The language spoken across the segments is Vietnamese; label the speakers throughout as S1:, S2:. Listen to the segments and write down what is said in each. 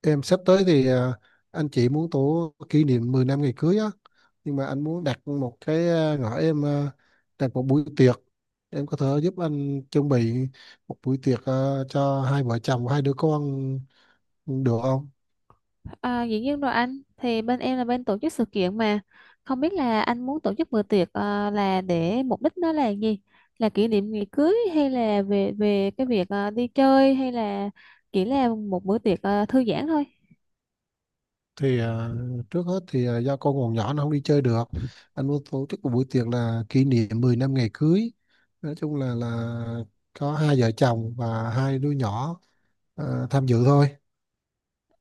S1: Em sắp tới thì anh chị muốn tổ kỷ niệm 10 năm ngày cưới á, nhưng mà anh muốn đặt một cái ngõ em đặt một buổi tiệc. Em có thể giúp anh chuẩn bị một buổi tiệc cho hai vợ chồng và hai đứa con được không?
S2: À, dĩ nhiên rồi anh. Thì bên em là bên tổ chức sự kiện mà không biết là anh muốn tổ chức bữa tiệc là để mục đích nó là gì, là kỷ niệm ngày cưới hay là về về cái việc đi chơi hay là chỉ là một bữa tiệc thư giãn thôi.
S1: Thì à, trước hết thì do con còn nhỏ nó không đi chơi được, anh muốn tổ chức một buổi tiệc là kỷ niệm 10 năm ngày cưới. Nói chung là có hai vợ chồng và hai đứa nhỏ tham dự thôi.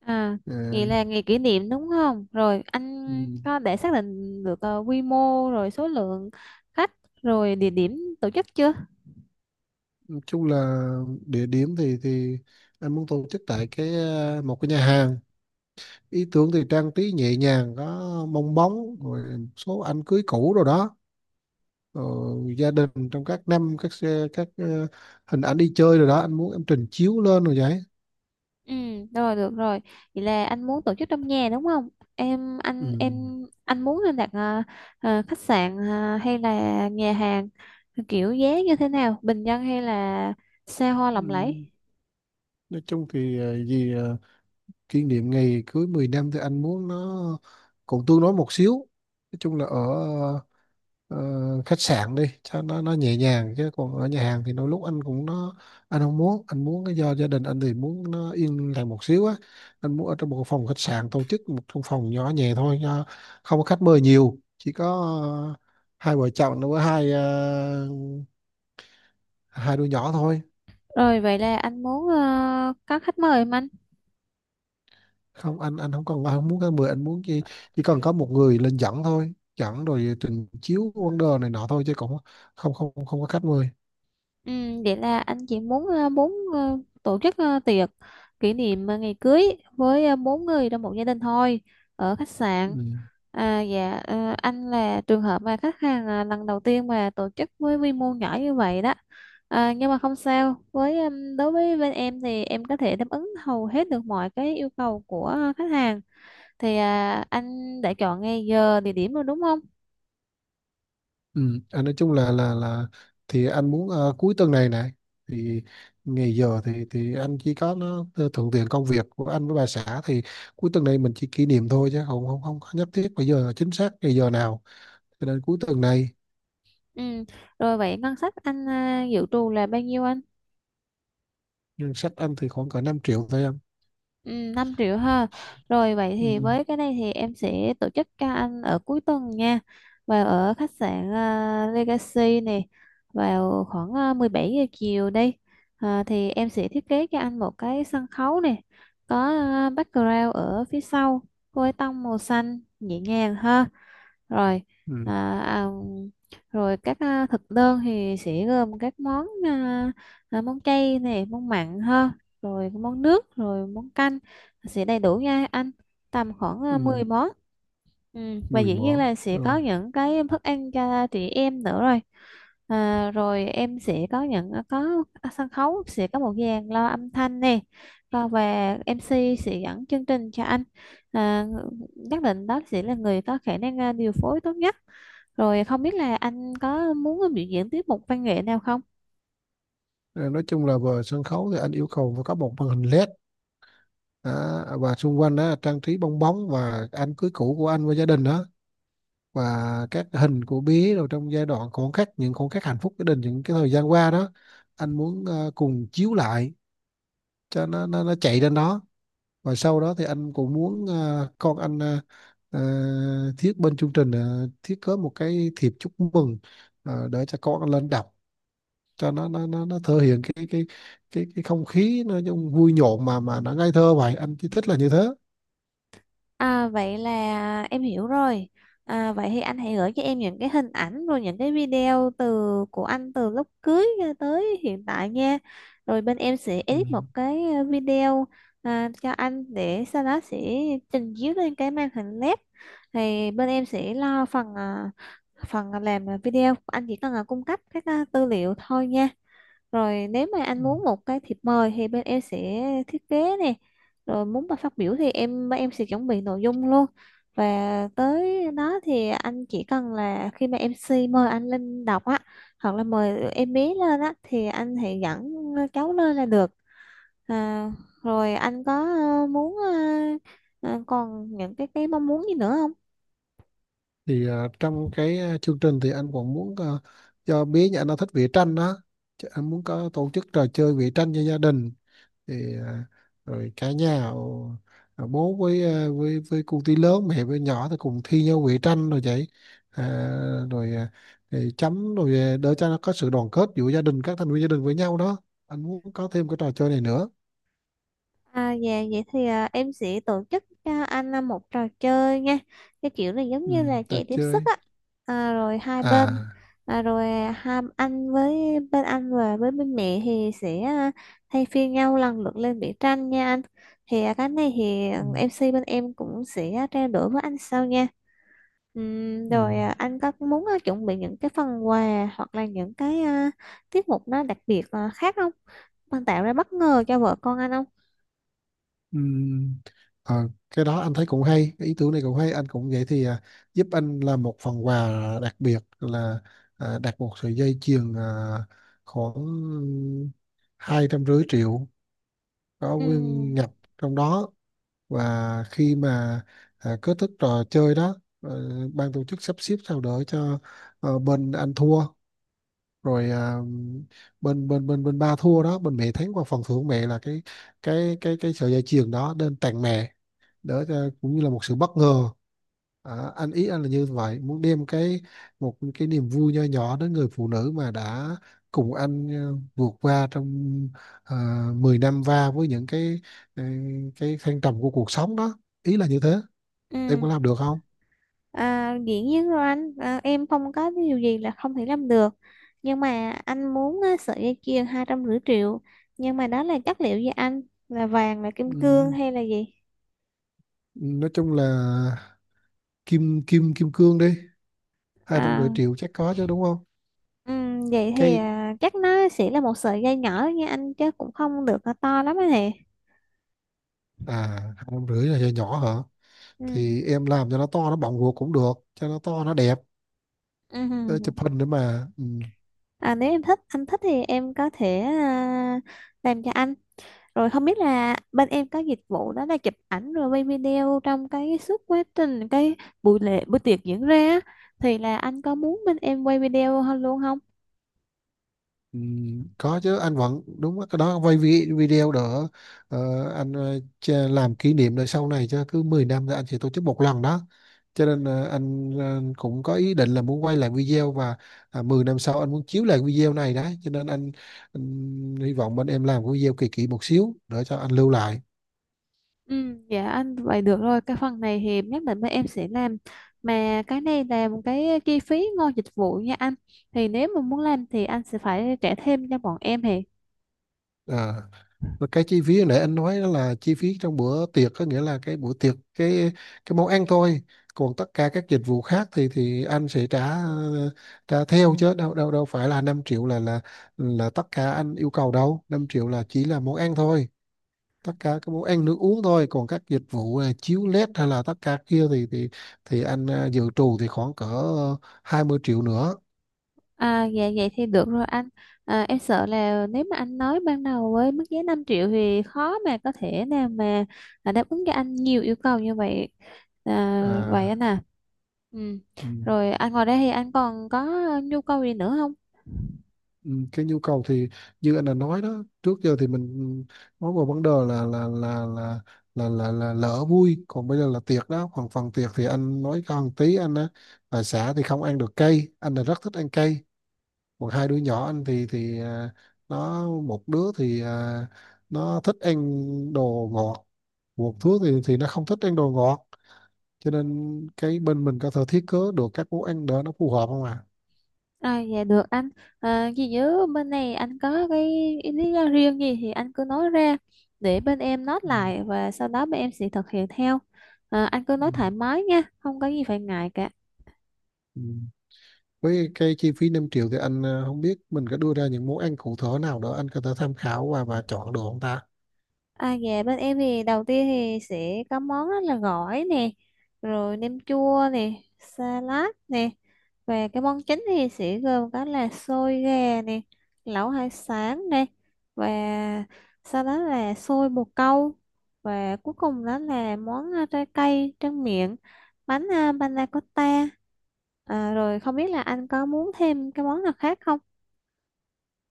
S2: à
S1: Ờ,
S2: Vậy là ngày kỷ niệm đúng không rồi anh?
S1: Ừ.
S2: Có để xác định được quy mô rồi số lượng khách rồi địa điểm tổ chức chưa?
S1: Chung là địa điểm thì anh muốn tổ chức tại cái một cái nhà hàng. Ý tưởng thì trang trí nhẹ nhàng, có bong bóng rồi một số ảnh cưới cũ rồi đó, rồi gia đình trong các năm, các xe, các hình ảnh đi chơi rồi đó anh muốn em trình chiếu lên rồi vậy.
S2: Ừ, rồi được rồi. Vậy là anh muốn tổ chức trong nhà đúng không? Em
S1: Ừ.
S2: anh em anh muốn nên đặt khách sạn hay là nhà hàng kiểu giá như thế nào? Bình dân hay là xa hoa
S1: Ừ.
S2: lộng lẫy?
S1: Nói chung thì kỷ niệm ngày cưới 10 năm thì anh muốn nó cũng tương đối một xíu. Nói chung là ở ờ, ờ, khách sạn đi cho nó nhẹ nhàng, chứ còn ở nhà hàng thì đôi lúc anh cũng nó, anh không muốn, anh muốn cái do gia đình anh thì muốn nó yên lặng một xíu á. Anh muốn ở trong một phòng khách sạn, tổ chức một trong phòng nhỏ nhẹ thôi, cho không có khách mời nhiều, chỉ có ờ, hai vợ chồng nó với hai hai đứa nhỏ thôi.
S2: Rồi vậy là anh muốn có khách mời không anh?
S1: Không, anh không còn, anh không muốn cái mười, anh muốn chỉ cần có một người lên dẫn thôi, dẫn rồi trình chiếu vấn đề này nọ thôi, chứ cũng không không không có khách mời.
S2: Ừ, vậy là anh chị muốn tổ chức tiệc kỷ niệm ngày cưới với bốn người trong một gia đình thôi, ở khách
S1: Ừ.
S2: sạn. À, dạ, anh là trường hợp mà khách hàng lần đầu tiên mà tổ chức với quy mô nhỏ như vậy đó. À, nhưng mà không sao. Với đối với bên em thì em có thể đáp ứng hầu hết được mọi cái yêu cầu của khách hàng. Thì, anh đã chọn ngày giờ địa điểm rồi đúng không?
S1: Ừ, anh nói chung là thì anh muốn cuối tuần này này thì ngày giờ thì anh chỉ có nó thuận tiện công việc của anh với bà xã, thì cuối tuần này mình chỉ kỷ niệm thôi, chứ không không không có nhất thiết bây giờ chính xác ngày giờ nào, cho nên cuối tuần này.
S2: Ừ. Rồi vậy ngân sách anh dự trù là bao nhiêu anh?
S1: Ngân sách anh thì khoảng cỡ 5 triệu thôi em.
S2: Ừ, 5 triệu ha. Rồi vậy
S1: Ừ,
S2: thì với cái này thì em sẽ tổ chức cho anh ở cuối tuần nha. Vào ở khách sạn Legacy này, vào khoảng 17 giờ chiều đi. À, thì em sẽ thiết kế cho anh một cái sân khấu này, có background ở phía sau với tông màu xanh nhẹ nhàng ha. Rồi.
S1: ừ,
S2: À, à, rồi các thực đơn thì sẽ gồm các món, món chay này, món mặn ha, rồi món nước rồi món canh sẽ đầy đủ nha anh, tầm khoảng
S1: ừ,
S2: 10 món. Ừ. Và
S1: 10
S2: dĩ nhiên
S1: món
S2: là sẽ có
S1: rồi.
S2: những cái thức ăn cho chị em nữa rồi. Rồi em sẽ có những có sân khấu, sẽ có một dàn loa âm thanh nè. Còn và MC sẽ dẫn chương trình cho anh, à, nhất định đó sẽ là người có khả năng điều phối tốt nhất. Rồi không biết là anh có muốn biểu diễn tiết mục văn nghệ nào không?
S1: Ờ, nói chung là về sân khấu thì anh yêu cầu phải có một màn hình LED. Đó, và xung quanh đó trang trí bong bóng và anh cưới cũ của anh với gia đình đó, và các hình của bé rồi trong giai đoạn khoảnh khắc, những khoảnh khắc hạnh phúc gia đình, những cái thời gian qua đó anh muốn cùng chiếu lại, cho nó chạy lên đó. Và sau đó thì anh cũng muốn con anh thiết bên chương trình thiết kế một cái thiệp chúc mừng để cho con anh lên đọc, cho nó thể hiện cái không khí nó trong vui nhộn mà nó ngây thơ, vậy anh chỉ thích là như thế.
S2: À, vậy là em hiểu rồi. À, vậy thì anh hãy gửi cho em những cái hình ảnh rồi những cái video từ của anh, từ lúc cưới cho tới hiện tại nha. Rồi bên em sẽ
S1: Ừ.
S2: edit một cái video, cho anh để sau đó sẽ trình chiếu lên cái màn hình LED. Thì bên em sẽ lo phần làm video. Anh chỉ cần cung cấp các tư liệu thôi nha. Rồi nếu mà anh
S1: Ừ.
S2: muốn một cái thiệp mời thì bên em sẽ thiết kế nè. Rồi muốn mà phát biểu thì bên em sẽ chuẩn bị nội dung luôn. Và tới đó thì anh chỉ cần là khi mà em MC mời anh lên đọc á, hoặc là mời em bé lên á thì anh hãy dẫn cháu lên là được. À, rồi anh có ờ, muốn ờ, còn những cái mong muốn gì nữa?
S1: Trong cái chương trình thì anh còn muốn cho bé nhà anh, nó thích vẽ tranh đó. Chứ anh muốn có tổ chức trò chơi vẽ tranh cho gia đình, thì à, rồi cả nhà bố với với cô tí lớn, mẹ với nhỏ, thì cùng thi nhau vẽ tranh rồi vậy. à, rồi à, thì chấm rồi để cho nó có sự đoàn kết giữa gia đình, các thành viên gia đình với nhau đó, anh muốn có thêm cái trò chơi này nữa.
S2: À, dạ vậy thì em sẽ tổ chức cho anh một trò chơi nha, cái kiểu này giống
S1: Ừ,
S2: như là
S1: trò
S2: chạy tiếp sức
S1: chơi.
S2: á. Rồi hai bên,
S1: À.
S2: à, rồi à, hai anh với bên anh và với bên mẹ thì sẽ thay phiên nhau lần lượt lên vẽ tranh nha anh. Thì cái này thì
S1: Ừ,
S2: MC bên em cũng sẽ trao đổi với anh sau nha. Ừm,
S1: ừ.
S2: rồi à, anh có muốn chuẩn bị những cái phần quà hoặc là những cái tiết mục nó đặc biệt khác không? Bạn tạo ra bất ngờ cho vợ con anh không?
S1: Ừm, ờ, cái đó anh thấy cũng hay, cái ý tưởng này cũng hay, anh cũng vậy thì giúp anh làm một phần quà đặc biệt là đặt một sợi dây chuyền khoảng 250 triệu, có
S2: Ừ.
S1: nguyên nhập trong đó. Và khi mà kết thúc trò chơi đó ban tổ chức sắp xếp sao đỡ cho bên anh thua, rồi bên bên bên bên ba thua đó, bên mẹ thắng, qua phần thưởng mẹ là cái sợi dây chuyền đó nên tặng mẹ đỡ cho, cũng như là một sự bất ngờ. Anh ý anh là như vậy, muốn đem cái một cái niềm vui nho nhỏ đến người phụ nữ mà đã cùng anh vượt qua trong 10 năm va với những cái ờ, cái thăng trầm của cuộc sống đó, ý là như thế. Em
S2: Ừ,
S1: có làm được không?
S2: à, dĩ nhiên rồi anh, em không có cái điều gì là không thể làm được. Nhưng mà anh muốn á, sợi dây chuyền 250 triệu, nhưng mà đó là chất liệu gì anh, là vàng, là kim cương
S1: Ừm,
S2: hay là gì?
S1: nói chung là kim kim kim cương đi, hai trăm
S2: à,
S1: rưỡi triệu chắc có chứ đúng không?
S2: ừ, Vậy thì
S1: Cái
S2: chắc nó sẽ là một sợi dây nhỏ nha anh, chứ cũng không được to lắm anh nè.
S1: à, 250 triệu là nhỏ nhỏ hả?
S2: Ừ.
S1: Thì em làm cho nó to, nó bọng ruột cũng được, cho nó to nó đẹp. Ờ,
S2: Ừ.
S1: chụp hình nữa mà ừ.
S2: À, nếu em thích anh thích thì em có thể làm cho anh. Rồi không biết là bên em có dịch vụ đó là chụp ảnh rồi quay video trong cái suốt quá trình cái buổi lễ buổi tiệc diễn ra á, thì là anh có muốn bên em quay video hơn luôn không?
S1: Ừ, có chứ anh vẫn đúng á, cái đó quay video đỡ. Anh làm kỷ niệm đời sau này, cho cứ 10 năm thì anh sẽ tổ chức một lần đó, cho nên anh cũng có ý định là muốn quay lại video. Và 10 năm sau anh muốn chiếu lại video này đấy, cho nên anh hy vọng bên em làm cái video kỳ kỳ một xíu để cho anh lưu lại.
S2: Ừ, dạ anh, vậy được rồi, cái phần này thì nhất định bên em sẽ làm. Mà cái này là một cái chi phí ngoài dịch vụ nha anh, thì nếu mà muốn làm thì anh sẽ phải trả thêm cho bọn em thì.
S1: Ờ. Và cái chi phí hồi nãy anh nói đó là chi phí trong bữa tiệc, có nghĩa là cái bữa tiệc cái món ăn thôi, còn tất cả các dịch vụ khác thì anh sẽ trả trả theo, chứ đâu đâu đâu phải là 5 triệu là tất cả anh yêu cầu đâu. 5 triệu là chỉ là món ăn thôi, tất cả các món ăn nước uống thôi. Còn các dịch vụ chiếu led hay là tất cả kia thì anh dự trù thì khoảng cỡ 20 triệu nữa.
S2: À, dạ vậy thì được rồi anh. Em sợ là nếu mà anh nói ban đầu với mức giá 5 triệu thì khó mà có thể nào mà đáp ứng cho anh nhiều yêu cầu như vậy. Vậy
S1: À,
S2: anh. Ừ.
S1: ừ.
S2: Rồi anh ngồi đây thì anh còn có nhu cầu gì nữa không?
S1: Ừ, cái nhu cầu thì như anh đã nói đó, trước giờ thì mình nói vào vấn đề là lỡ vui, còn bây giờ là tiệc đó. Còn phần tiệc thì anh nói cho một tí, anh á, bà xã thì không ăn được cay, anh là rất thích ăn cay. Còn hai đứa nhỏ anh thì nó một đứa thì nó thích ăn đồ ngọt, một đứa thì nó không thích ăn đồ ngọt, cho nên cái bên mình có thể thiết kế được các món ăn để nó phù hợp không ạ à?
S2: Dạ được anh. Ghi nhớ bên này anh có cái lý do riêng gì thì anh cứ nói ra để bên em note
S1: Ừ.
S2: lại, và sau đó bên em sẽ thực hiện theo. Anh cứ nói
S1: Ừ,
S2: thoải mái nha, không có gì phải ngại cả.
S1: ừ. Với cái chi phí 5 triệu thì anh không biết mình có đưa ra những món ăn cụ thể nào đó anh có thể tham khảo và chọn được không ta?
S2: À, dạ bên em thì đầu tiên thì sẽ có món đó là gỏi nè, rồi nem chua nè, salad nè. Và cái món chính thì sẽ gồm có là xôi gà nè, lẩu hải sản nè, và sau đó là xôi bồ câu, và cuối cùng đó là món trái cây tráng miệng, bánh panna cotta. À, rồi không biết là anh có muốn thêm cái món nào khác không?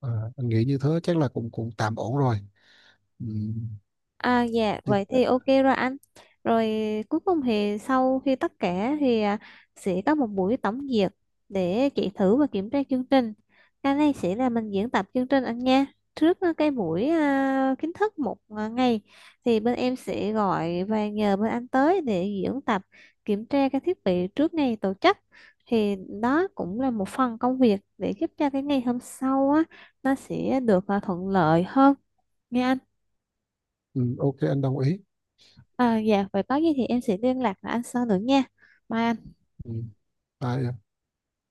S1: à, anh nghĩ như thế chắc là cũng cũng tạm ổn rồi. Ừ.
S2: À, dạ vậy thì ok rồi anh. Rồi cuối cùng thì sau khi tất cả thì sẽ có một buổi tổng duyệt, để chị thử và kiểm tra chương trình. Cái này sẽ là mình diễn tập chương trình anh nha. Trước cái buổi kiến thức một ngày thì bên em sẽ gọi và nhờ bên anh tới để diễn tập, kiểm tra cái thiết bị trước ngày tổ chức. Thì đó cũng là một phần công việc để giúp cho cái ngày hôm sau á, nó sẽ được thuận lợi hơn. Nha anh.
S1: Ừ, ok anh đồng ý.
S2: À, dạ, vậy có gì thì em sẽ liên lạc với anh sau nữa nha. Mai
S1: Ừ. Tại,